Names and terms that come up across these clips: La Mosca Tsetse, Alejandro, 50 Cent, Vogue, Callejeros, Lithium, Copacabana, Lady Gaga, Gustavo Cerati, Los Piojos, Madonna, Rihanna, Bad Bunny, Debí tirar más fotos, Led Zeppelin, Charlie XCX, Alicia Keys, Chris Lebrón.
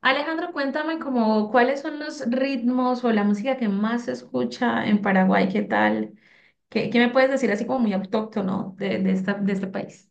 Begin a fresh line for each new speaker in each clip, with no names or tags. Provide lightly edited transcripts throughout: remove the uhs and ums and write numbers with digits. Alejandro, cuéntame como cuáles son los ritmos o la música que más se escucha en Paraguay, ¿qué tal? ¿Qué me puedes decir así como muy autóctono de este país?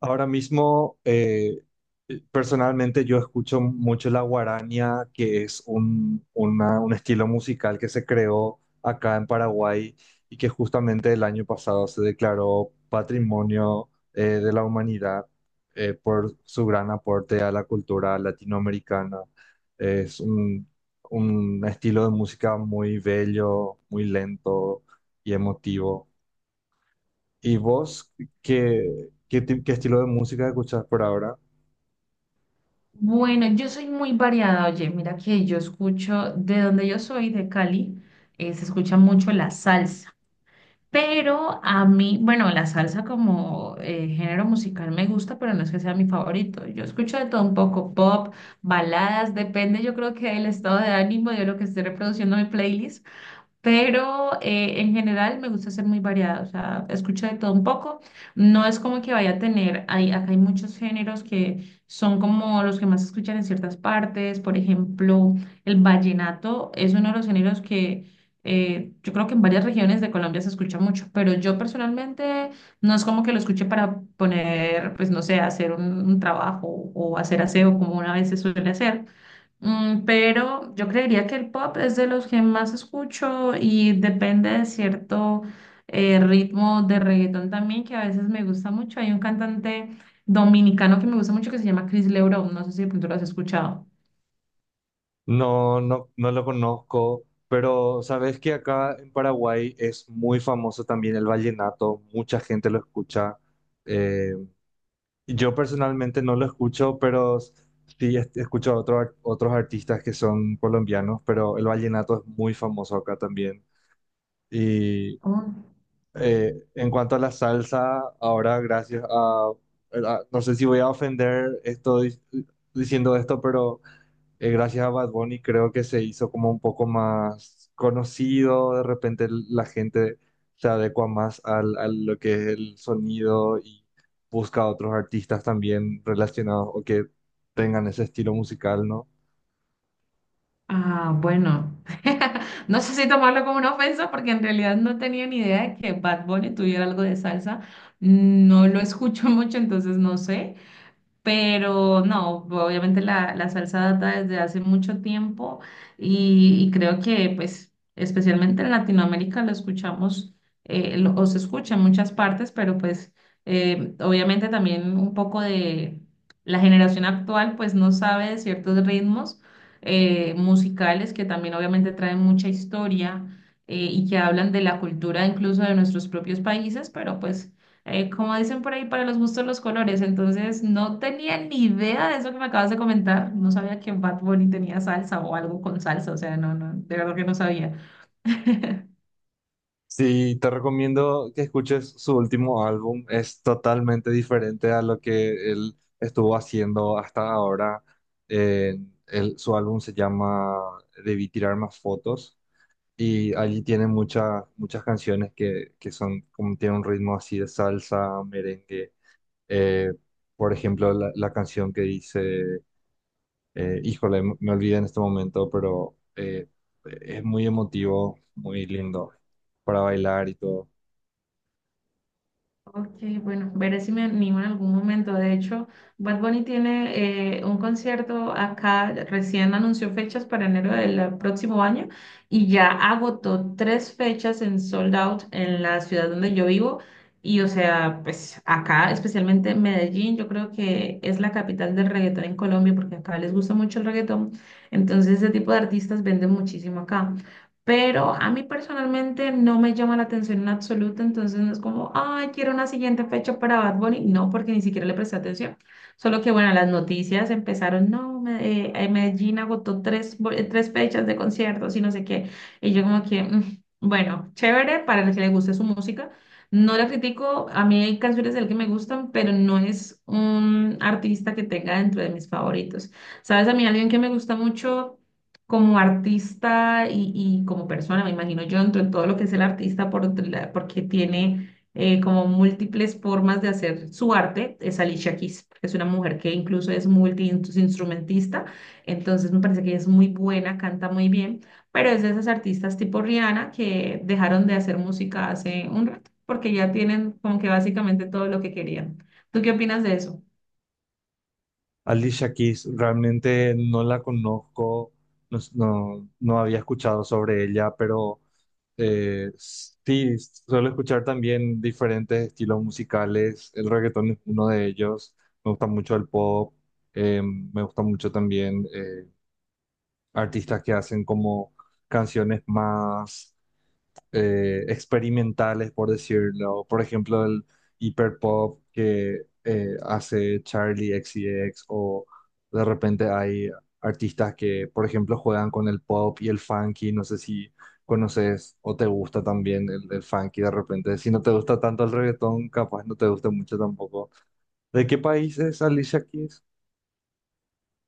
Ahora mismo, personalmente yo escucho mucho la guarania, que es un estilo musical que se creó acá en Paraguay y que justamente el año pasado se declaró Patrimonio, de la Humanidad, por su gran aporte a la cultura latinoamericana. Es un estilo de música muy bello, muy lento y emotivo. ¿Y vos qué estilo de música escuchás por ahora?
Bueno, yo soy muy variada, oye, mira que yo escucho, de donde yo soy, de Cali, se escucha mucho la salsa. Pero a mí, bueno, la salsa como género musical me gusta, pero no es que sea mi favorito. Yo escucho de todo un poco, pop, baladas, depende yo creo que del estado de ánimo, de lo que esté reproduciendo mi playlist. Pero en general me gusta ser muy variada, o sea, escucho de todo un poco. No es como que vaya a tener, hay, acá hay muchos géneros que son como los que más se escuchan en ciertas partes. Por ejemplo, el vallenato es uno de los géneros que yo creo que en varias regiones de Colombia se escucha mucho, pero yo personalmente no es como que lo escuche para poner, pues no sé, hacer un, trabajo o hacer aseo como una vez se suele hacer. Pero yo creería que el pop es de los que más escucho y depende de cierto ritmo de reggaetón también, que a veces me gusta mucho. Hay un cantante dominicano que me gusta mucho que se llama Chris Lebrón, no sé si de pronto lo has escuchado.
No, no, no lo conozco, pero sabes que acá en Paraguay es muy famoso también el vallenato, mucha gente lo escucha. Eh, yo personalmente no lo escucho, pero sí escucho a otros artistas que son colombianos, pero el vallenato es muy famoso acá también.
Oh.
En cuanto a la salsa, ahora gracias a, no sé si voy a ofender estoy diciendo esto, pero gracias a Bad Bunny creo que se hizo como un poco más conocido. De repente la gente se adecua más al, a lo que es el sonido y busca a otros artistas también relacionados o que tengan ese estilo musical, ¿no?
Ah, bueno. No sé si tomarlo como una ofensa porque en realidad no tenía ni idea de que Bad Bunny tuviera algo de salsa. No lo escucho mucho, entonces no sé. Pero no, obviamente la salsa data desde hace mucho tiempo, y creo que pues especialmente en Latinoamérica lo escuchamos, o se escucha en muchas partes, pero pues obviamente también un poco de la generación actual pues no sabe de ciertos ritmos musicales que también obviamente traen mucha historia, y que hablan de la cultura incluso de nuestros propios países, pero pues como dicen por ahí, para los gustos los colores. Entonces, no tenía ni idea de eso que me acabas de comentar. No sabía que Bad Bunny tenía salsa o algo con salsa. O sea, no, no, de verdad que no sabía.
Sí, te recomiendo que escuches su último álbum. Es totalmente diferente a lo que él estuvo haciendo hasta ahora. Eh, Su álbum se llama Debí tirar más fotos y allí tiene muchas muchas canciones que son como tiene un ritmo así de salsa, merengue. Eh, por ejemplo, la canción que dice, híjole, me olvidé en este momento, pero es muy emotivo, muy lindo para bailar y todo.
Ok, bueno, veré si me animo en algún momento. De hecho, Bad Bunny tiene un concierto acá, recién anunció fechas para enero del próximo año y ya agotó tres fechas en sold out en la ciudad donde yo vivo. Y o sea, pues acá, especialmente en Medellín, yo creo que es la capital del reggaetón en Colombia porque acá les gusta mucho el reggaetón. Entonces, ese tipo de artistas venden muchísimo acá. Pero a mí personalmente no me llama la atención en absoluto, entonces no es como, ay, quiero una siguiente fecha para Bad Bunny. No, porque ni siquiera le presté atención. Solo que, bueno, las noticias empezaron, no, Medellín agotó tres fechas de conciertos y no sé qué. Y yo como que, "Mm, bueno, chévere para el que le guste su música. No la critico, a mí hay canciones de él que me gustan, pero no es un artista que tenga dentro de mis favoritos. ¿Sabes? A mí alguien que me gusta mucho como artista y como persona, me imagino yo entro en todo lo que es el artista porque tiene como múltiples formas de hacer su arte. Es Alicia Keys, es una mujer que incluso es multiinstrumentista, entonces me parece que ella es muy buena, canta muy bien, pero es de esas artistas tipo Rihanna que dejaron de hacer música hace un rato porque ya tienen como que básicamente todo lo que querían. ¿Tú qué opinas de eso?
Alicia Keys, realmente no la conozco, no, no, no había escuchado sobre ella, pero sí, suelo escuchar también diferentes estilos musicales. El reggaetón es uno de ellos. Me gusta mucho el pop. Me gusta mucho también artistas que hacen como canciones más experimentales, por decirlo. Por ejemplo, el hiperpop que hace Charlie XCX, o de repente hay artistas que, por ejemplo, juegan con el pop y el funky. No sé si conoces o te gusta también el funky de repente. Si no te gusta tanto el reggaetón, capaz no te gusta mucho tampoco. ¿De qué país es Alicia Keys?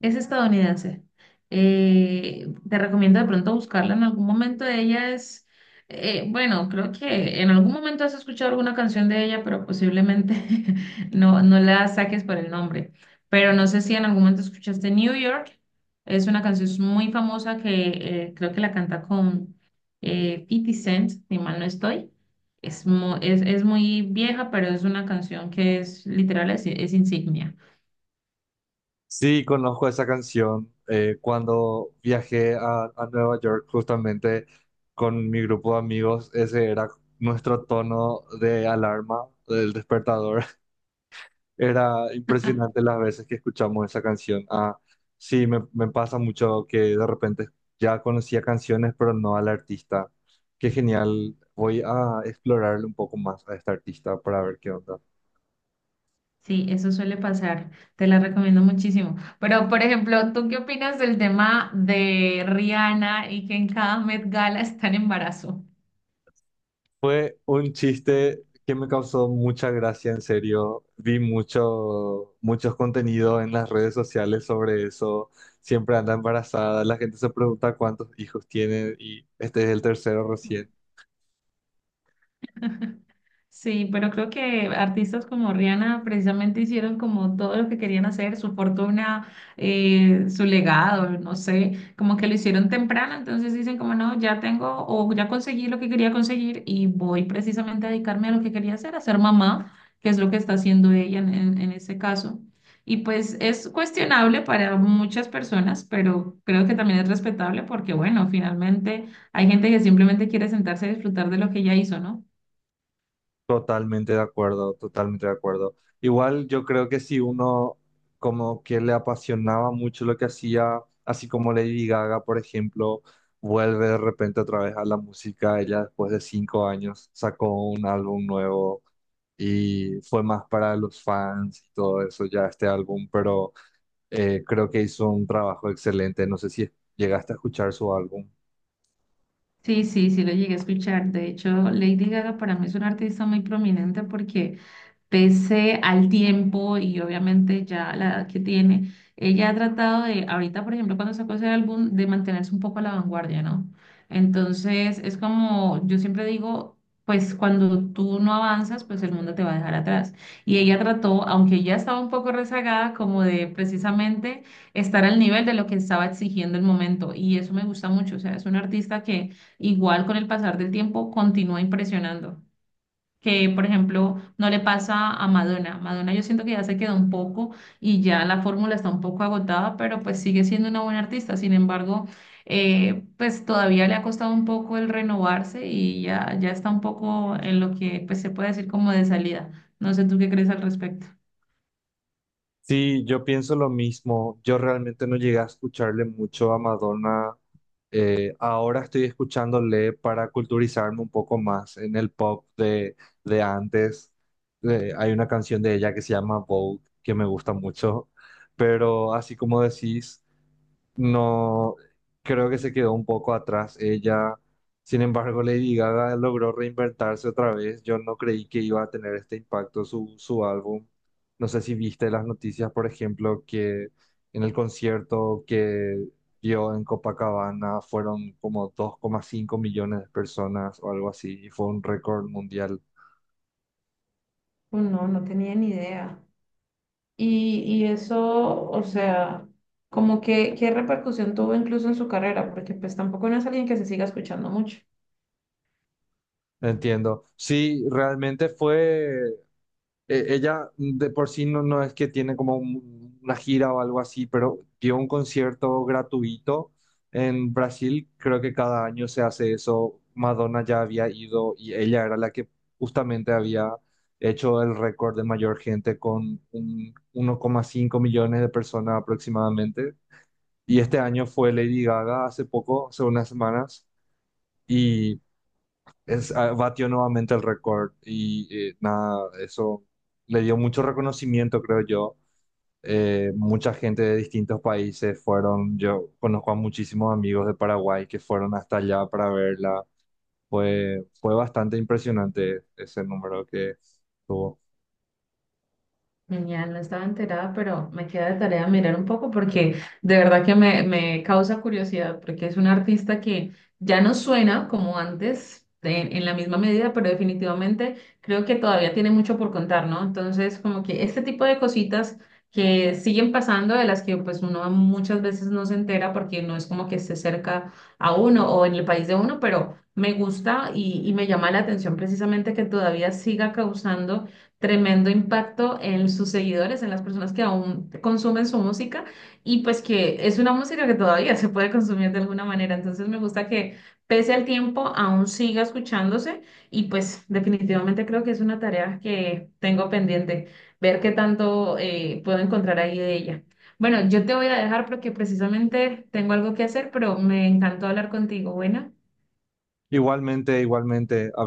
Es estadounidense. Te recomiendo de pronto buscarla en algún momento. Ella es, bueno, creo que en algún momento has escuchado alguna canción de ella, pero posiblemente no, no la saques por el nombre. Pero no sé si en algún momento escuchaste New York. Es una canción muy famosa que creo que la canta con 50 Cent, si mal no estoy. Es muy vieja, pero es una canción que es literal, es insignia.
Sí, conozco esa canción. Cuando viajé a Nueva York justamente con mi grupo de amigos, ese era nuestro tono de alarma del despertador. Era impresionante las veces que escuchamos esa canción. Ah, sí, me pasa mucho que de repente ya conocía canciones, pero no al artista. Qué genial. Voy a explorarle un poco más a este artista para ver qué onda.
Sí, eso suele pasar. Te la recomiendo muchísimo. Pero, por ejemplo, ¿tú qué opinas del tema de Rihanna y que en cada Met Gala está en embarazo?
Fue un chiste que me causó mucha gracia, en serio. Vi mucho, muchos contenidos en las redes sociales sobre eso. Siempre anda embarazada, la gente se pregunta cuántos hijos tiene y este es el tercero recién.
Sí, pero creo que artistas como Rihanna precisamente hicieron como todo lo que querían hacer, su fortuna, su legado, no sé, como que lo hicieron temprano, entonces dicen como no, ya tengo o ya conseguí lo que quería conseguir y voy precisamente a dedicarme a lo que quería hacer, a ser mamá, que es lo que está haciendo ella en, en ese caso. Y pues es cuestionable para muchas personas, pero creo que también es respetable porque bueno, finalmente hay gente que simplemente quiere sentarse a disfrutar de lo que ella hizo, ¿no?
Totalmente de acuerdo, totalmente de acuerdo. Igual yo creo que si uno como que le apasionaba mucho lo que hacía, así como Lady Gaga, por ejemplo, vuelve de repente otra vez a la música. Ella después de 5 años sacó un álbum nuevo y fue más para los fans y todo eso ya este álbum, pero creo que hizo un trabajo excelente. No sé si llegaste a escuchar su álbum.
Sí, sí, sí lo llegué a escuchar. De hecho, Lady Gaga para mí es una artista muy prominente porque pese al tiempo y obviamente ya la edad que tiene, ella ha tratado de, ahorita por ejemplo cuando sacó ese álbum, de mantenerse un poco a la vanguardia, ¿no? Entonces es como, yo siempre digo, pues cuando tú no avanzas, pues el mundo te va a dejar atrás. Y ella trató, aunque ya estaba un poco rezagada, como de precisamente estar al nivel de lo que estaba exigiendo el momento. Y eso me gusta mucho, o sea, es una artista que igual con el pasar del tiempo continúa impresionando, que, por ejemplo, no le pasa a Madonna. Madonna yo siento que ya se quedó un poco y ya la fórmula está un poco agotada, pero pues sigue siendo una buena artista. Sin embargo, pues todavía le ha costado un poco el renovarse y ya, ya está un poco en lo que pues se puede decir como de salida. No sé tú qué crees al respecto.
Sí, yo pienso lo mismo. Yo realmente no llegué a escucharle mucho a Madonna. Ahora estoy escuchándole para culturizarme un poco más en el pop de, antes. Hay una canción de ella que se llama Vogue, que me gusta mucho. Pero así como decís, no, creo que se quedó un poco atrás ella. Sin embargo, Lady Gaga logró reinventarse otra vez. Yo no creí que iba a tener este impacto su álbum. No sé si viste las noticias, por ejemplo, que en el concierto que dio en Copacabana fueron como 2,5 millones de personas o algo así, y fue un récord mundial.
No, no tenía ni idea. Y eso, o sea, como que, ¿qué repercusión tuvo incluso en su carrera? Porque pues tampoco no es alguien que se siga escuchando mucho.
Entiendo. Sí, realmente fue. Ella de por sí no, no es que tiene como una gira o algo así, pero dio un concierto gratuito en Brasil. Creo que cada año se hace eso. Madonna ya había ido y ella era la que justamente había hecho el récord de mayor gente con un 1,5 millones de personas aproximadamente. Y este año fue Lady Gaga hace poco, hace unas semanas. Y es, ah, batió nuevamente el récord y nada, eso le dio mucho reconocimiento, creo yo. Mucha gente de distintos países fueron, yo conozco a muchísimos amigos de Paraguay que fueron hasta allá para verla. Fue bastante impresionante ese número que tuvo.
Genial, no estaba enterada, pero me queda de tarea mirar un poco porque de verdad que me causa curiosidad porque es un artista que ya no suena como antes en, la misma medida, pero definitivamente creo que todavía tiene mucho por contar, ¿no? Entonces, como que este tipo de cositas que siguen pasando, de las que pues uno muchas veces no se entera porque no es como que esté cerca a uno o en el país de uno, pero me gusta y me llama la atención precisamente que todavía siga causando tremendo impacto en sus seguidores, en las personas que aún consumen su música y pues que es una música que todavía se puede consumir de alguna manera. Entonces me gusta que pese al tiempo aún siga escuchándose y pues definitivamente creo que es una tarea que tengo pendiente, ver qué tanto puedo encontrar ahí de ella. Bueno, yo te voy a dejar porque precisamente tengo algo que hacer, pero me encantó hablar contigo. Bueno.
Igualmente, igualmente, hablando.